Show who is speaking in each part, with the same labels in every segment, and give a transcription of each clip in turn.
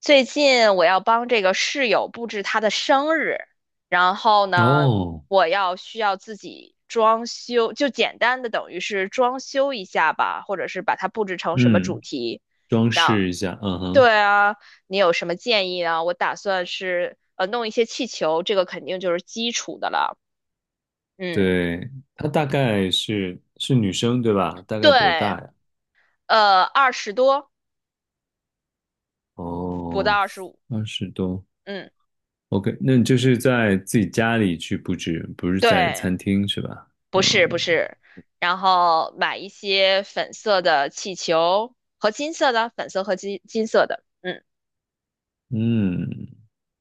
Speaker 1: 最近我要帮这个室友布置她的生日，然后呢，
Speaker 2: 哦，
Speaker 1: 需要自己装修，就简单的等于是装修一下吧，或者是把它布置成什么主
Speaker 2: 嗯，
Speaker 1: 题，
Speaker 2: 装
Speaker 1: 让，
Speaker 2: 饰一下，嗯哼，
Speaker 1: 对啊，你有什么建议啊？我打算是弄一些气球，这个肯定就是基础的了，嗯，
Speaker 2: 对，她大概是女生对吧？大概多
Speaker 1: 对，
Speaker 2: 大呀？
Speaker 1: 20多，不到
Speaker 2: 哦，
Speaker 1: 25，
Speaker 2: 20多
Speaker 1: 嗯，
Speaker 2: ，OK，那你就是在自己家里去布置，不是在
Speaker 1: 对。
Speaker 2: 餐厅是吧？
Speaker 1: 不是不
Speaker 2: 嗯
Speaker 1: 是，然后买一些粉色的气球和金色的，粉色和金色的，嗯，
Speaker 2: 嗯，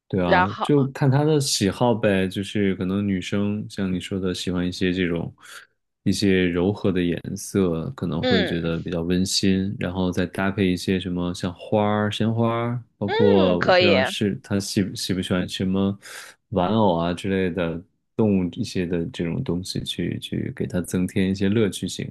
Speaker 2: 对啊，
Speaker 1: 然后
Speaker 2: 就看她的喜好呗，就是可能女生像你说的喜欢一些柔和的颜色，可能会觉
Speaker 1: 嗯
Speaker 2: 得比较温馨，然后再搭配一些什么像花儿、鲜花儿，包
Speaker 1: 嗯
Speaker 2: 括我
Speaker 1: 可
Speaker 2: 不知
Speaker 1: 以，
Speaker 2: 道是她喜不喜欢什么玩偶啊之类的动物一些的这种东西去给她增添一些乐趣性。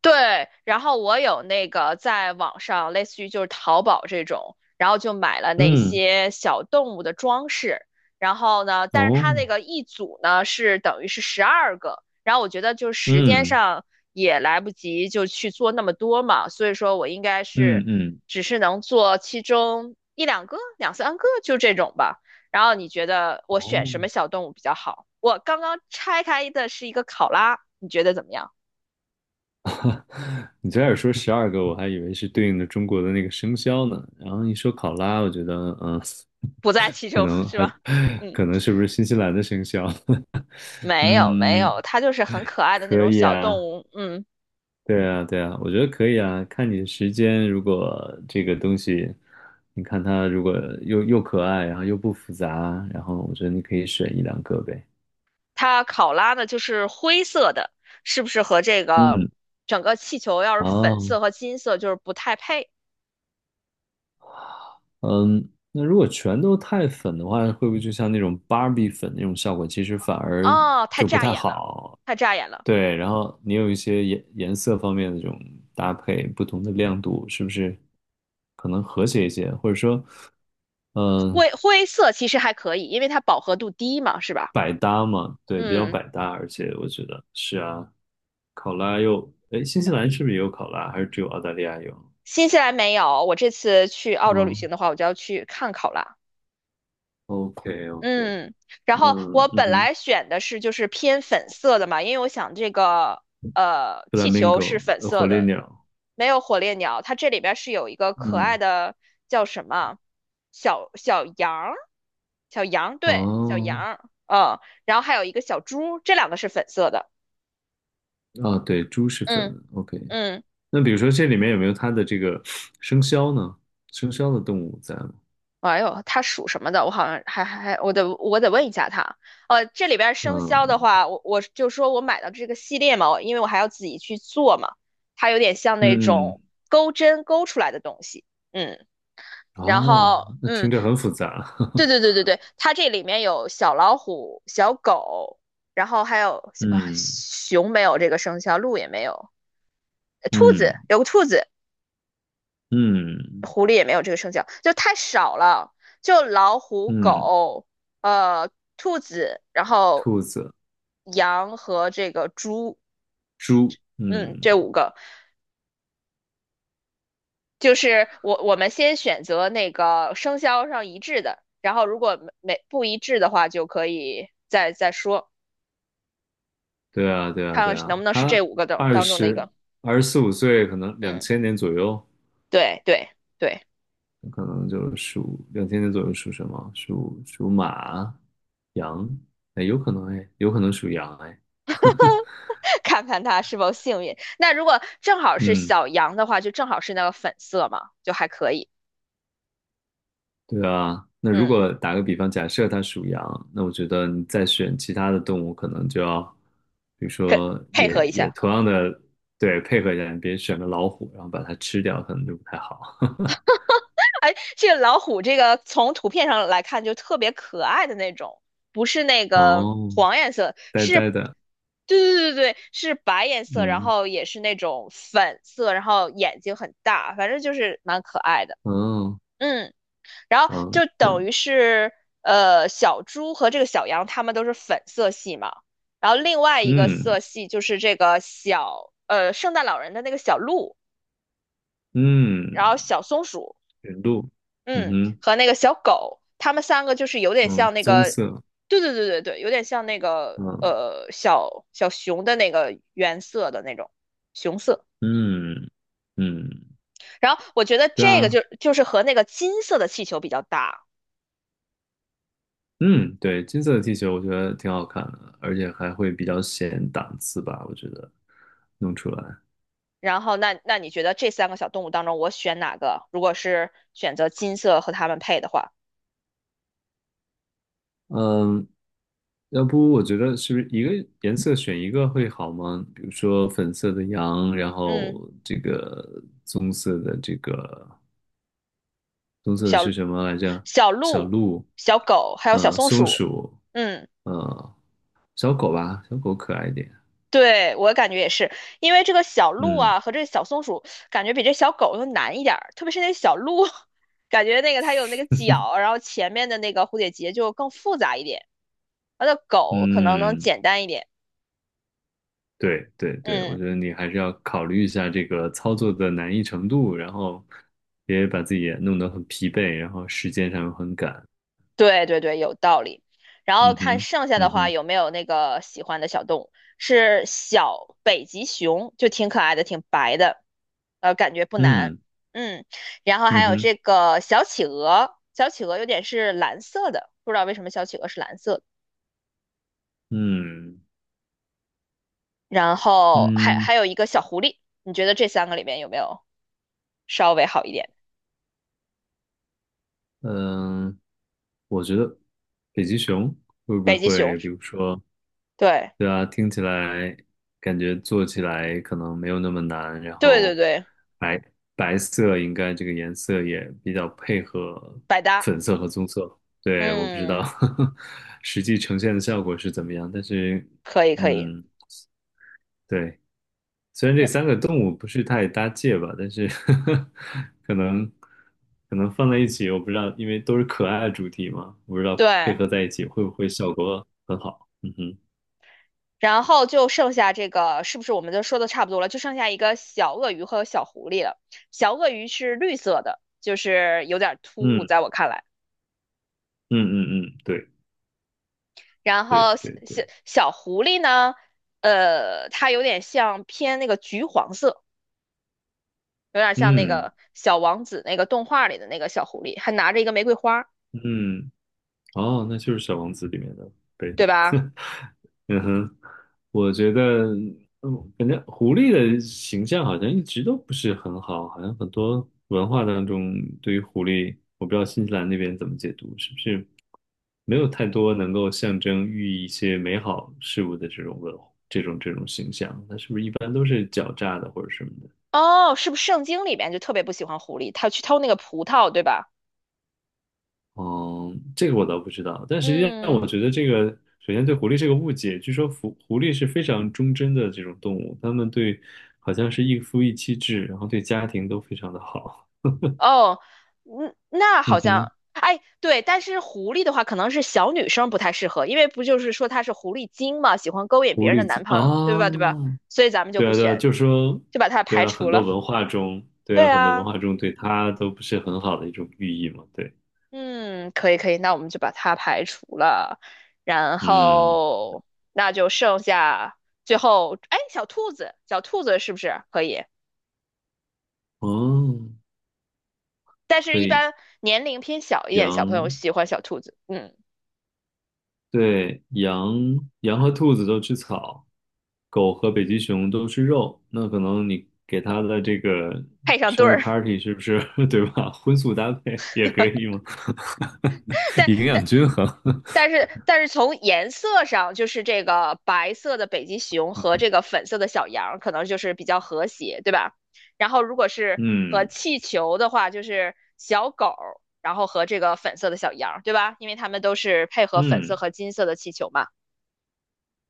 Speaker 1: 对，然后我有那个在网上，类似于就是淘宝这种，然后就买了那
Speaker 2: 嗯，
Speaker 1: 些小动物的装饰。然后呢，但是它那
Speaker 2: 哦，
Speaker 1: 个一组呢是等于是12个，然后我觉得就是时间
Speaker 2: 嗯
Speaker 1: 上也来不及就去做那么多嘛，所以说我应该是
Speaker 2: 嗯嗯，
Speaker 1: 只是能做其中一两个、两三个就这种吧。然后你觉得我选
Speaker 2: 哦。
Speaker 1: 什么小动物比较好？我刚刚拆开的是一个考拉，你觉得怎么样？
Speaker 2: 你最开始说12个，我还以为是对应的中国的那个生肖呢。然后一说考拉，我觉得，嗯，
Speaker 1: 不在其
Speaker 2: 可
Speaker 1: 中，
Speaker 2: 能
Speaker 1: 是
Speaker 2: 还，
Speaker 1: 吧？嗯，
Speaker 2: 可能是不是新西兰的生肖？
Speaker 1: 没有没
Speaker 2: 嗯，
Speaker 1: 有，它就是很可爱的那
Speaker 2: 可
Speaker 1: 种
Speaker 2: 以
Speaker 1: 小动
Speaker 2: 啊，
Speaker 1: 物。嗯，
Speaker 2: 对啊，对啊，我觉得可以啊。看你的时间，如果这个东西，你看它如果又可爱，然后又不复杂，然后我觉得你可以选一两个呗。
Speaker 1: 它考拉呢就是灰色的，是不是和这个
Speaker 2: 嗯，
Speaker 1: 整个气球要是粉
Speaker 2: 哦，
Speaker 1: 色和金色就是不太配？
Speaker 2: 嗯，那如果全都太粉的话，会不会就像那种芭比粉那种效果，其实反而
Speaker 1: 哦，太
Speaker 2: 就不
Speaker 1: 扎
Speaker 2: 太
Speaker 1: 眼了，
Speaker 2: 好？
Speaker 1: 太扎眼了。
Speaker 2: 对，然后你有一些颜色方面的这种搭配，不同的亮度，是不是可能和谐一些？或者说，嗯，
Speaker 1: 灰色其实还可以，因为它饱和度低嘛，是吧？
Speaker 2: 百搭嘛，对，比较
Speaker 1: 嗯，
Speaker 2: 百搭，而且我觉得是啊，考拉又，哎，新西兰是不是也有考拉，还是只有澳大利亚有？
Speaker 1: 新西兰没有，我这次去澳洲旅行
Speaker 2: 嗯
Speaker 1: 的话，我就要去看考拉。
Speaker 2: ，OK OK，
Speaker 1: 嗯，然
Speaker 2: 那
Speaker 1: 后我
Speaker 2: 嗯
Speaker 1: 本
Speaker 2: 哼
Speaker 1: 来选的是就是偏粉色的嘛，因为我想这个气球是
Speaker 2: ，flamingo，
Speaker 1: 粉色
Speaker 2: 火烈
Speaker 1: 的，
Speaker 2: 鸟，
Speaker 1: 没有火烈鸟，它这里边是有一个可
Speaker 2: 嗯。
Speaker 1: 爱的叫什么小小羊儿，小羊对小羊
Speaker 2: 哦，
Speaker 1: 儿，嗯，然后还有一个小猪，这两个是粉色的，
Speaker 2: 啊，对，猪是粉
Speaker 1: 嗯
Speaker 2: ，OK。
Speaker 1: 嗯。
Speaker 2: 那比如说这里面有没有它的这个生肖呢？生肖的动物在吗？
Speaker 1: 哎呦，他属什么的？我好像还还还，我得问一下他。这里边生肖的
Speaker 2: 嗯
Speaker 1: 话，我就说我买到这个系列嘛，因为我还要自己去做嘛，它有点像那
Speaker 2: 嗯
Speaker 1: 种
Speaker 2: 嗯，
Speaker 1: 钩针钩出来的东西。嗯，然
Speaker 2: 哦，
Speaker 1: 后
Speaker 2: 那
Speaker 1: 嗯，
Speaker 2: 听着很复杂。
Speaker 1: 对 对对对对，它这里面有小老虎、小狗，然后还有啊
Speaker 2: 嗯
Speaker 1: 熊没有这个生肖，鹿也没有，兔子
Speaker 2: 嗯
Speaker 1: 有个兔子，
Speaker 2: 嗯
Speaker 1: 狐狸也没有这个生肖，就太少了，就老虎、
Speaker 2: 嗯，
Speaker 1: 狗、呃、兔子，然后
Speaker 2: 兔子、
Speaker 1: 羊和这个猪，
Speaker 2: 猪，
Speaker 1: 嗯，这五
Speaker 2: 嗯，
Speaker 1: 个就是我们先选择那个生肖上一致的，然后如果没不一致的话，就可以再说，
Speaker 2: 对啊对啊
Speaker 1: 看
Speaker 2: 对
Speaker 1: 看能不
Speaker 2: 啊，
Speaker 1: 能是这
Speaker 2: 它
Speaker 1: 五个当
Speaker 2: 二
Speaker 1: 当中的一
Speaker 2: 十
Speaker 1: 个，
Speaker 2: 二十四五岁，可能两
Speaker 1: 嗯，
Speaker 2: 千年左右，
Speaker 1: 对对。对，
Speaker 2: 可能就属两千年左右属什么？属马、羊，哎，有可能哎，有可能属羊哎。
Speaker 1: 看看他是否幸运。那如果正好是
Speaker 2: 嗯
Speaker 1: 小羊的话，就正好是那个粉色嘛，就还可以。
Speaker 2: 对啊，那如
Speaker 1: 嗯。
Speaker 2: 果打个比方，假设它属羊，那我觉得你再选其他的动物，可能就要，比如
Speaker 1: 跟
Speaker 2: 说
Speaker 1: 配
Speaker 2: 也
Speaker 1: 合一
Speaker 2: 也
Speaker 1: 下。
Speaker 2: 同样的，对，配合一下，你别选个老虎，然后把它吃掉，可能就不太好。
Speaker 1: 哎，这个老虎这个从图片上来看就特别可爱的那种，不是那个
Speaker 2: 哦，
Speaker 1: 黄颜色，
Speaker 2: 呆
Speaker 1: 是，
Speaker 2: 呆的，
Speaker 1: 对对对对，是白颜色，然
Speaker 2: 嗯，
Speaker 1: 后也是那种粉色，然后眼睛很大，反正就是蛮可爱的。
Speaker 2: 哦，
Speaker 1: 嗯，然后
Speaker 2: 嗯，
Speaker 1: 就
Speaker 2: 那
Speaker 1: 等于是小猪和这个小羊它们都是粉色系嘛，然后另外一个
Speaker 2: 嗯
Speaker 1: 色系就是这个圣诞老人的那个小鹿，
Speaker 2: 嗯，
Speaker 1: 然后小松鼠。
Speaker 2: 驯鹿，嗯
Speaker 1: 嗯，
Speaker 2: 哼，
Speaker 1: 和那个小狗，他们3个就是有点
Speaker 2: 嗯，
Speaker 1: 像那
Speaker 2: 棕
Speaker 1: 个，
Speaker 2: 色，
Speaker 1: 对对对对对，有点像那个
Speaker 2: 嗯
Speaker 1: 小小熊的那个原色的那种熊色。
Speaker 2: 嗯嗯，
Speaker 1: 然后我觉得
Speaker 2: 对
Speaker 1: 这个
Speaker 2: 啊，
Speaker 1: 就是和那个金色的气球比较搭。
Speaker 2: 嗯，对，金色的 T 恤我觉得挺好看的，而且还会比较显档次吧，我觉得弄出来。
Speaker 1: 然后那你觉得这3个小动物当中，我选哪个？如果是选择金色和它们配的话，
Speaker 2: 嗯，要不我觉得是不是一个颜色选一个会好吗？比如说粉色的羊，然
Speaker 1: 嗯，
Speaker 2: 后这个棕色的
Speaker 1: 小
Speaker 2: 是什么来着？
Speaker 1: 小
Speaker 2: 小
Speaker 1: 鹿、
Speaker 2: 鹿，
Speaker 1: 小狗还有小松
Speaker 2: 松
Speaker 1: 鼠，
Speaker 2: 鼠，
Speaker 1: 嗯。
Speaker 2: 呃，小狗吧，小狗可爱一点。
Speaker 1: 对，我感觉也是，因为这个小鹿
Speaker 2: 嗯
Speaker 1: 啊和这个小松鼠，感觉比这小狗要难一点儿，特别是那小鹿，感觉那个它有那个角，然后前面的那个蝴蝶结就更复杂一点，它的狗可能能
Speaker 2: 嗯，
Speaker 1: 简单一点。
Speaker 2: 对对对，我
Speaker 1: 嗯。
Speaker 2: 觉得你还是要考虑一下这个操作的难易程度，然后别把自己也弄得很疲惫，然后时间上又很赶。
Speaker 1: 对对对，有道理。然后
Speaker 2: 嗯
Speaker 1: 看
Speaker 2: 哼，
Speaker 1: 剩下的
Speaker 2: 嗯
Speaker 1: 话
Speaker 2: 哼，
Speaker 1: 有没有那个喜欢的小动物，是小北极熊，就挺可爱的，挺白的，感觉不难。
Speaker 2: 嗯，
Speaker 1: 嗯，然后还
Speaker 2: 嗯
Speaker 1: 有
Speaker 2: 哼，
Speaker 1: 这个小企鹅，小企鹅有点是蓝色的，不知道为什么小企鹅是蓝色的。
Speaker 2: 嗯
Speaker 1: 然后还
Speaker 2: 嗯
Speaker 1: 还有一个小狐狸，你觉得这3个里面有没有稍微好一点？
Speaker 2: 嗯，我觉得北极熊会不
Speaker 1: 北极熊，
Speaker 2: 会，比如说，
Speaker 1: 对
Speaker 2: 对啊，听起来感觉做起来可能没有那么难，然
Speaker 1: 对对
Speaker 2: 后
Speaker 1: 对，
Speaker 2: 白白色应该这个颜色也比较配合
Speaker 1: 百搭，
Speaker 2: 粉色和棕色。对，我不知道
Speaker 1: 嗯，
Speaker 2: 实际呈现的效果是怎么样，但是
Speaker 1: 可以可以，
Speaker 2: 嗯，对，虽然这三个动物不是太搭界吧，但是 可能可能放在一起，我不知道，因为都是可爱的主题嘛，我不知道配
Speaker 1: 对。
Speaker 2: 合在一起会不会效果很好。嗯哼，
Speaker 1: 然后就剩下这个，是不是我们都说的差不多了？就剩下一个小鳄鱼和小狐狸了。小鳄鱼是绿色的，就是有点突兀，
Speaker 2: 嗯
Speaker 1: 在我看来。
Speaker 2: 嗯嗯嗯，对。
Speaker 1: 然
Speaker 2: 对
Speaker 1: 后小
Speaker 2: 对
Speaker 1: 小
Speaker 2: 对，
Speaker 1: 小狐狸呢，它有点像偏那个橘黄色，有点像那
Speaker 2: 嗯
Speaker 1: 个小王子那个动画里的那个小狐狸，还拿着一个玫瑰花，
Speaker 2: 嗯，哦，那就是《小王子》里面的贝。
Speaker 1: 对吧？
Speaker 2: 嗯哼，我觉得，嗯，感觉狐狸的形象好像一直都不是很好，好像很多文化当中对于狐狸，我不知道新西兰那边怎么解读，是不是没有太多能够象征寓意一些美好事物的这种形象？它是不是一般都是狡诈的或者什么的？
Speaker 1: 哦，是不是圣经里面就特别不喜欢狐狸？它去偷那个葡萄，对吧？
Speaker 2: 嗯，这个我倒不知道，但实际上
Speaker 1: 嗯，
Speaker 2: 我觉得这个，首先对狐狸是个误解。据说狐狸是非常忠贞的这种动物，它们对好像是一夫一妻制，然后对家庭都非常的好。
Speaker 1: 哦，嗯，那 好
Speaker 2: 嗯
Speaker 1: 像，
Speaker 2: 哼，
Speaker 1: 哎，对，但是狐狸的话，可能是小女生不太适合，因为不就是说它是狐狸精嘛，喜欢勾引别
Speaker 2: 狐
Speaker 1: 人的
Speaker 2: 狸精
Speaker 1: 男朋友，对
Speaker 2: 啊，
Speaker 1: 吧？对吧？所以咱们就
Speaker 2: 对
Speaker 1: 不
Speaker 2: 啊对啊，
Speaker 1: 选，
Speaker 2: 就说
Speaker 1: 就把它
Speaker 2: 对
Speaker 1: 排
Speaker 2: 啊，很
Speaker 1: 除
Speaker 2: 多
Speaker 1: 了。
Speaker 2: 文化中，对
Speaker 1: 对
Speaker 2: 啊，很多文
Speaker 1: 啊，
Speaker 2: 化中对它都不是很好的一种寓意嘛。对，
Speaker 1: 嗯，可以可以，那我们就把它排除了，然
Speaker 2: 嗯，
Speaker 1: 后那就剩下最后，哎，小兔子，小兔子是不是可以？
Speaker 2: 哦，
Speaker 1: 但是，
Speaker 2: 可
Speaker 1: 一
Speaker 2: 以，
Speaker 1: 般年龄偏小一点，小朋友
Speaker 2: 羊。
Speaker 1: 喜欢小兔子，嗯，
Speaker 2: 对，羊和兔子都吃草，狗和北极熊都吃肉。那可能你给它的这个
Speaker 1: 配上对
Speaker 2: 生日
Speaker 1: 儿。
Speaker 2: party 是不是 对吧？荤素搭配也可以吗？
Speaker 1: 但
Speaker 2: 营
Speaker 1: 但。
Speaker 2: 养均衡。
Speaker 1: 但是从颜色上，就是这个白色的北极熊和这个粉色的小羊，可能就是比较和谐，对吧？然后如果是和
Speaker 2: 嗯
Speaker 1: 气球的话，就是小狗，然后和这个粉色的小羊，对吧？因为它们都是配合粉色
Speaker 2: 嗯
Speaker 1: 和金色的气球嘛。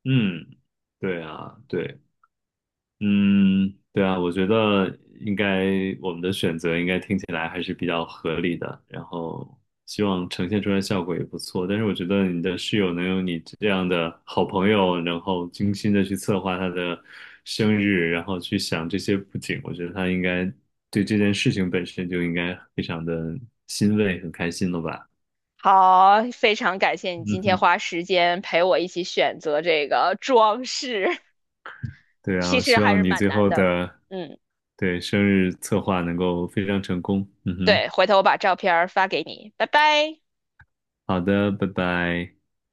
Speaker 2: 嗯，对啊，对。嗯，对啊，我觉得应该我们的选择应该听起来还是比较合理的，然后希望呈现出来效果也不错。但是我觉得你的室友能有你这样的好朋友，然后精心的去策划他的生日，然后去想这些布景，我觉得他应该对这件事情本身就应该非常的欣慰，很开心了吧？
Speaker 1: 好，非常感谢你 今
Speaker 2: 嗯
Speaker 1: 天
Speaker 2: 哼，
Speaker 1: 花时间陪我一起选择这个装饰，
Speaker 2: 对啊，
Speaker 1: 其
Speaker 2: 我
Speaker 1: 实
Speaker 2: 希
Speaker 1: 还
Speaker 2: 望
Speaker 1: 是
Speaker 2: 你
Speaker 1: 蛮
Speaker 2: 最
Speaker 1: 难
Speaker 2: 后
Speaker 1: 的。
Speaker 2: 的
Speaker 1: 嗯，
Speaker 2: 对生日策划能够非常成功。嗯哼。
Speaker 1: 对，回头我把照片儿发给你，拜拜。
Speaker 2: 好的，拜拜。